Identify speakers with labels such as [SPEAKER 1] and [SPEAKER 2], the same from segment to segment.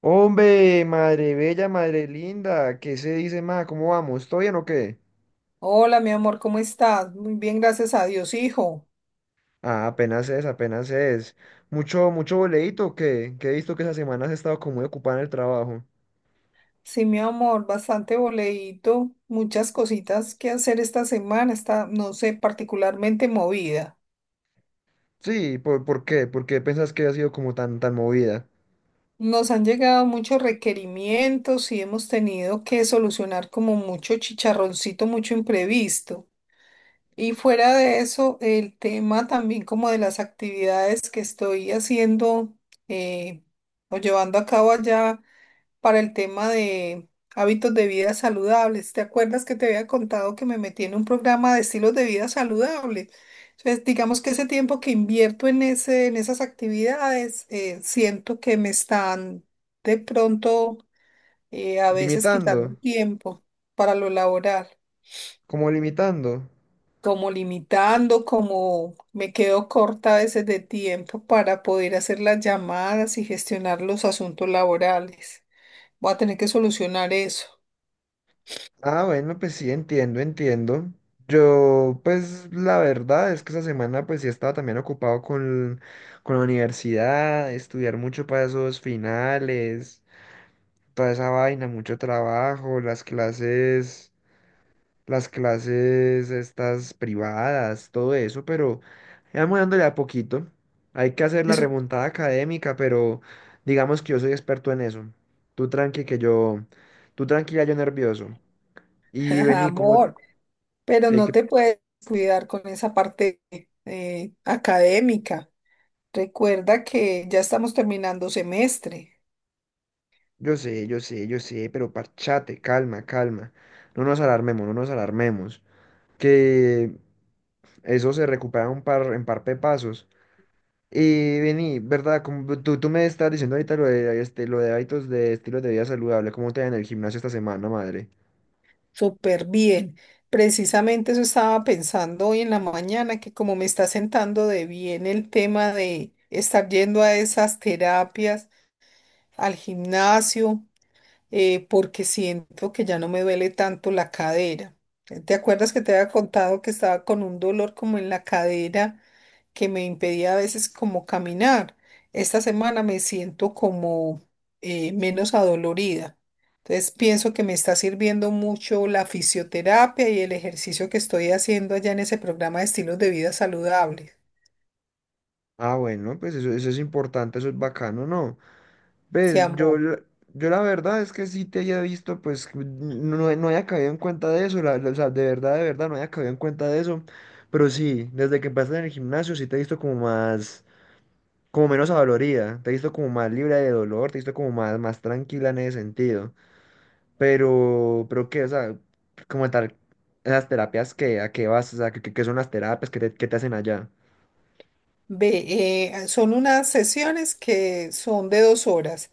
[SPEAKER 1] Hombre, madre bella, madre linda, ¿qué se dice más? ¿Cómo vamos? ¿Todo bien o qué?
[SPEAKER 2] Hola, mi amor, ¿cómo estás? Muy bien, gracias a Dios, hijo.
[SPEAKER 1] Ah, apenas es, apenas es. Mucho, mucho boleíto que he visto que esa semana has estado como muy ocupada en el trabajo.
[SPEAKER 2] Sí, mi amor, bastante boleíto, muchas cositas que hacer esta semana, está, no sé, particularmente movida.
[SPEAKER 1] Sí, ¿¿por qué? ¿Por qué pensás que ha sido como tan movida?
[SPEAKER 2] Nos han llegado muchos requerimientos y hemos tenido que solucionar como mucho chicharroncito, mucho imprevisto. Y fuera de eso, el tema también como de las actividades que estoy haciendo eh, o llevando a cabo allá para el tema de hábitos de vida saludables. ¿Te acuerdas que te había contado que me metí en un programa de estilos de vida saludables? Entonces, digamos que ese tiempo que invierto en ese, en esas actividades, siento que me están de pronto a veces
[SPEAKER 1] Limitando,
[SPEAKER 2] quitando tiempo para lo laboral.
[SPEAKER 1] como limitando.
[SPEAKER 2] Como limitando, como me quedo corta a veces de tiempo para poder hacer las llamadas y gestionar los asuntos laborales. Voy a tener que solucionar eso.
[SPEAKER 1] Ah, bueno, pues sí, entiendo, entiendo. Yo, pues la verdad es que esa semana pues sí estaba también ocupado con la universidad, estudiar mucho para esos finales. Toda esa vaina, mucho trabajo, las clases estas privadas, todo eso, pero ya vamos dándole a poquito. Hay que hacer la
[SPEAKER 2] Eso.
[SPEAKER 1] remontada académica, pero digamos que yo soy experto en eso. Tú tranqui que yo, tú tranquila, yo nervioso. Y
[SPEAKER 2] Ajá,
[SPEAKER 1] vení como,
[SPEAKER 2] amor, pero
[SPEAKER 1] eh,
[SPEAKER 2] no
[SPEAKER 1] que-
[SPEAKER 2] te puedes cuidar con esa parte académica. Recuerda que ya estamos terminando semestre.
[SPEAKER 1] yo sé, yo sé, yo sé, pero parchate, calma, calma. No nos alarmemos, no nos alarmemos. Que eso se recupera un par, en par de pasos. Y vení, ¿verdad? Como tú me estás diciendo ahorita lo de, este, lo de hábitos de estilo de vida saludable, ¿cómo te va en el gimnasio esta semana, madre?
[SPEAKER 2] Súper bien. Precisamente eso estaba pensando hoy en la mañana, que como me está sentando de bien el tema de estar yendo a esas terapias, al gimnasio, porque siento que ya no me duele tanto la cadera. ¿Te acuerdas que te había contado que estaba con un dolor como en la cadera que me impedía a veces como caminar? Esta semana me siento como menos adolorida. Entonces pienso que me está sirviendo mucho la fisioterapia y el ejercicio que estoy haciendo allá en ese programa de estilos de vida saludables.
[SPEAKER 1] Ah, bueno, pues eso es importante, eso es bacano, ¿no?
[SPEAKER 2] Se
[SPEAKER 1] Ves, yo,
[SPEAKER 2] amó.
[SPEAKER 1] la- yo la verdad es que sí te había visto, pues no, no había caído en cuenta de eso, o sea, de verdad, no había caído en cuenta de eso, pero sí, desde que empezaste en el gimnasio sí te he visto como más, como menos adolorida, te he visto como más libre de dolor, te he visto como más, más tranquila en ese sentido. Pero qué, o sea, como tal, las terapias que, ¿a qué vas? O sea, ¿qué, qué son las terapias? Qué te hacen allá?
[SPEAKER 2] Ve, son unas sesiones que son de 2 horas.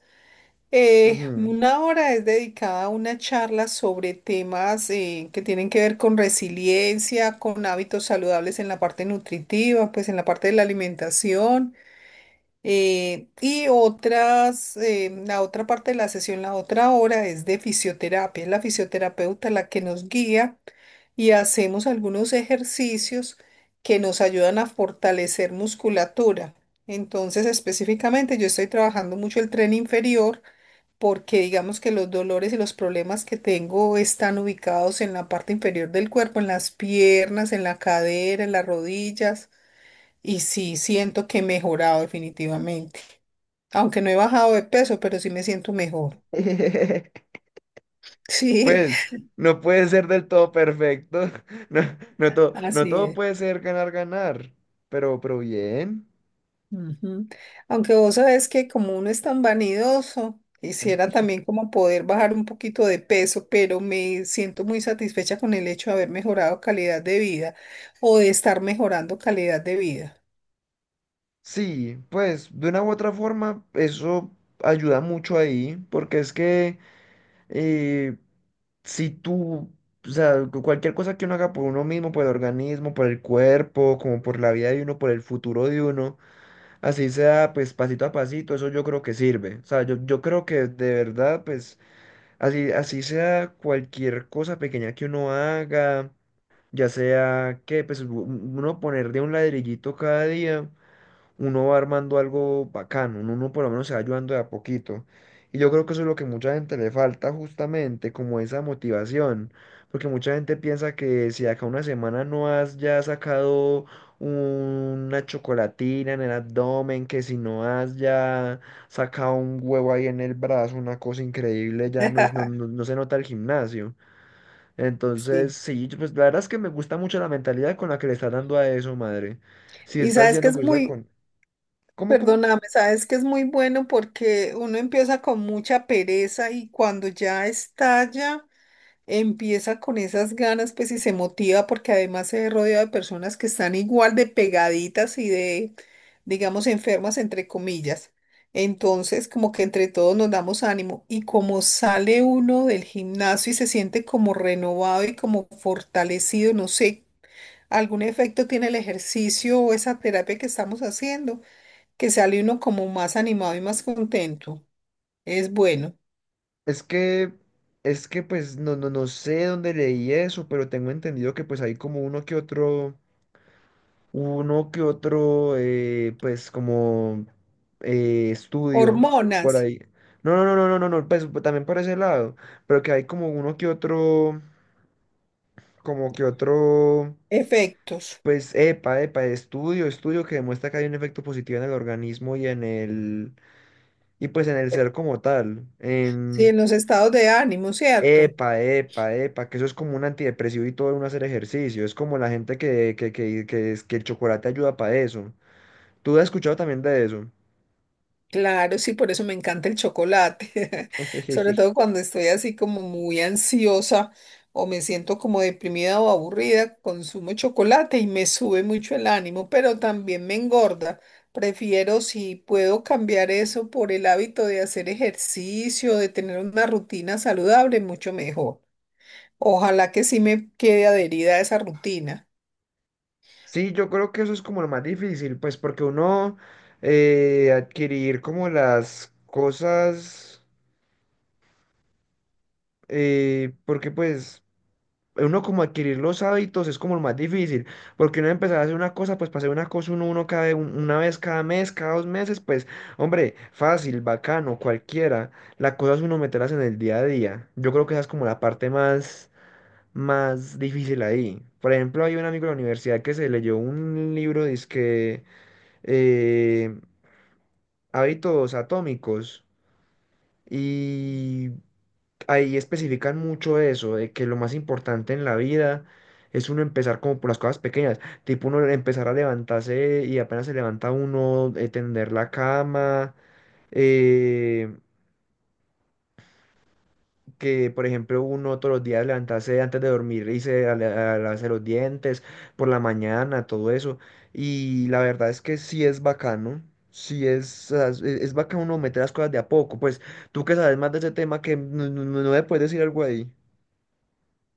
[SPEAKER 1] Ujú.
[SPEAKER 2] 1 hora es dedicada a una charla sobre temas que tienen que ver con resiliencia, con hábitos saludables en la parte nutritiva, pues en la parte de la alimentación. Y otras, la otra parte de la sesión, la otra 1 hora es de fisioterapia. Es la fisioterapeuta la que nos guía y hacemos algunos ejercicios que nos ayudan a fortalecer musculatura. Entonces, específicamente, yo estoy trabajando mucho el tren inferior porque digamos que los dolores y los problemas que tengo están ubicados en la parte inferior del cuerpo, en las piernas, en la cadera, en las rodillas. Y sí, siento que he mejorado definitivamente. Aunque no he bajado de peso, pero sí me siento mejor. Sí,
[SPEAKER 1] Pues, no puede ser del todo perfecto. No, no todo, no
[SPEAKER 2] así
[SPEAKER 1] todo
[SPEAKER 2] es.
[SPEAKER 1] puede ser ganar, ganar. Pero bien.
[SPEAKER 2] Ujú. Aunque vos sabés que como uno es tan vanidoso, quisiera también como poder bajar un poquito de peso, pero me siento muy satisfecha con el hecho de haber mejorado calidad de vida o de estar mejorando calidad de vida.
[SPEAKER 1] Sí, pues de una u otra forma eso ayuda mucho ahí, porque es que, eh, si tú, o sea, cualquier cosa que uno haga por uno mismo, por el organismo, por el cuerpo, como por la vida de uno, por el futuro de uno, así sea, pues pasito a pasito, eso yo creo que sirve. O sea, yo creo que de verdad, pues así, así sea cualquier cosa pequeña que uno haga, ya sea que, pues uno poner de un ladrillito cada día uno va armando algo bacano, uno, uno por lo menos se va ayudando de a poquito. Y yo creo que eso es lo que mucha gente le falta justamente, como esa motivación, porque mucha gente piensa que si de acá a una semana no has ya sacado una chocolatina en el abdomen, que si no has ya sacado un huevo ahí en el brazo, una cosa increíble, ya no es, no, no se nota el gimnasio. Entonces,
[SPEAKER 2] Sí,
[SPEAKER 1] sí, yo, pues la verdad es que me gusta mucho la mentalidad con la que le estás dando a eso, madre. Si
[SPEAKER 2] y
[SPEAKER 1] estás
[SPEAKER 2] sabes que
[SPEAKER 1] yendo
[SPEAKER 2] es
[SPEAKER 1] juiciosa
[SPEAKER 2] muy,
[SPEAKER 1] con, ¿cómo, cómo?
[SPEAKER 2] perdóname, sabes que es muy bueno porque uno empieza con mucha pereza y cuando ya estalla, empieza con esas ganas, pues y se motiva porque además se rodea de personas que están igual de pegaditas y de, digamos, enfermas, entre comillas. Entonces, como que entre todos nos damos ánimo y como sale uno del gimnasio y se siente como renovado y como fortalecido, no sé, algún efecto tiene el ejercicio o esa terapia que estamos haciendo, que sale uno como más animado y más contento. Es bueno.
[SPEAKER 1] Es que, es que pues no, no, no sé dónde leí eso, pero tengo entendido que pues hay como uno que otro, pues como estudio
[SPEAKER 2] Hormonas,
[SPEAKER 1] por ahí. No, no, no, no, no, no, no, pues también por ese lado, pero que hay como uno que otro, como que otro,
[SPEAKER 2] efectos.
[SPEAKER 1] pues epa, epa, estudio, estudio que demuestra que hay un efecto positivo en el organismo y en el, y pues en el ser como tal,
[SPEAKER 2] Sí, en
[SPEAKER 1] en...
[SPEAKER 2] los estados de ánimo, ¿cierto?
[SPEAKER 1] Epa, epa, epa, que eso es como un antidepresivo y todo uno hacer ejercicio. Es como la gente que, que el chocolate ayuda para eso. ¿Tú has escuchado también de eso?
[SPEAKER 2] Claro, sí, por eso me encanta el chocolate, sobre todo cuando estoy así como muy ansiosa o me siento como deprimida o aburrida, consumo chocolate y me sube mucho el ánimo, pero también me engorda. Prefiero, si puedo cambiar eso por el hábito de hacer ejercicio, de tener una rutina saludable, mucho mejor. Ojalá que sí me quede adherida a esa rutina.
[SPEAKER 1] Sí, yo creo que eso es como lo más difícil, pues porque uno adquirir como las cosas, porque pues uno como adquirir los hábitos es como lo más difícil, porque uno empezar a hacer una cosa, pues para hacer una cosa uno, uno cada, una vez cada mes, cada dos meses, pues hombre, fácil, bacano, cualquiera. La cosa es uno meterlas en el día a día. Yo creo que esa es como la parte más, más difícil ahí. Por ejemplo, hay un amigo de la universidad que se leyó un libro, dizque eh, Hábitos Atómicos. Y ahí especifican mucho eso, de que lo más importante en la vida es uno empezar como por las cosas pequeñas, tipo uno empezar a levantarse y apenas se levanta uno, tender la cama, eh, que por ejemplo uno todos los días levantarse antes de dormir y se a lavarse los dientes por la mañana, todo eso. Y la verdad es que sí es bacano, sí es, o sea, es bacano uno meter las cosas de a poco, pues tú que sabes más de ese tema que no, no me puedes decir algo ahí.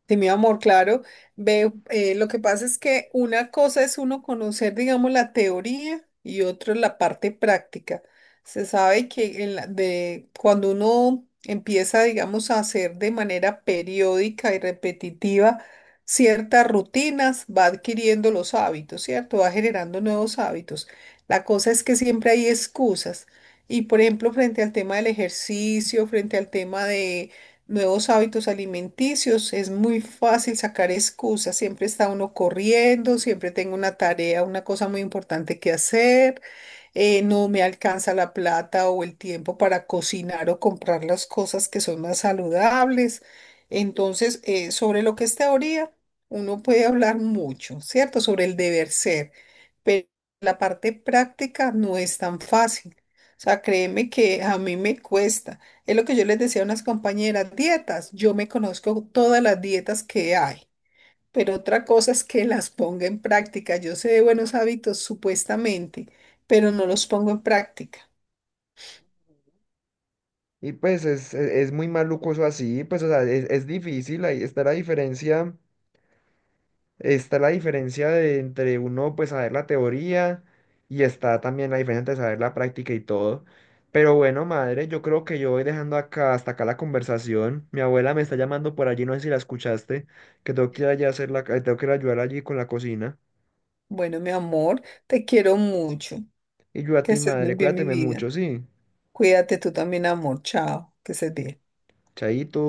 [SPEAKER 2] Sí, mi amor, claro. Ve, lo que pasa es que una cosa es uno conocer, digamos, la teoría y otra la parte práctica. Se sabe que en la- de, cuando uno empieza, digamos, a hacer de manera periódica y repetitiva ciertas rutinas, va adquiriendo los hábitos, ¿cierto? Va generando nuevos hábitos. La cosa es que siempre hay excusas. Y, por ejemplo, frente al tema del ejercicio, frente al tema de nuevos hábitos alimenticios, es muy fácil sacar excusas, siempre está uno corriendo, siempre tengo una tarea, una cosa muy importante que hacer, no me alcanza la plata o el tiempo para cocinar o comprar las cosas que son más saludables. Entonces, sobre lo que es teoría, uno puede hablar mucho, ¿cierto? Sobre el deber ser, pero la parte práctica no es tan fácil. O sea, créeme que a mí me cuesta. Es lo que yo les decía a unas compañeras, dietas. Yo me conozco todas las dietas que hay, pero otra cosa es que las ponga en práctica. Yo sé de buenos hábitos supuestamente, pero no los pongo en práctica.
[SPEAKER 1] Y pues es, es muy maluco eso así, pues o sea, es difícil, ahí está la diferencia de entre uno pues saber la teoría y está también la diferencia entre saber la práctica y todo. Pero bueno, madre, yo creo que yo voy dejando acá hasta acá la conversación. Mi abuela me está llamando por allí, no sé si la escuchaste, que tengo que ir allá a hacer la, tengo que ir a ayudar allí con la cocina.
[SPEAKER 2] Bueno, mi amor, te quiero mucho.
[SPEAKER 1] Y yo a
[SPEAKER 2] Que
[SPEAKER 1] ti,
[SPEAKER 2] estés muy
[SPEAKER 1] madre,
[SPEAKER 2] bien, mi
[SPEAKER 1] cuídateme
[SPEAKER 2] vida.
[SPEAKER 1] mucho, sí.
[SPEAKER 2] Cuídate tú también, amor. Chao. Que estés bien.
[SPEAKER 1] Chaito.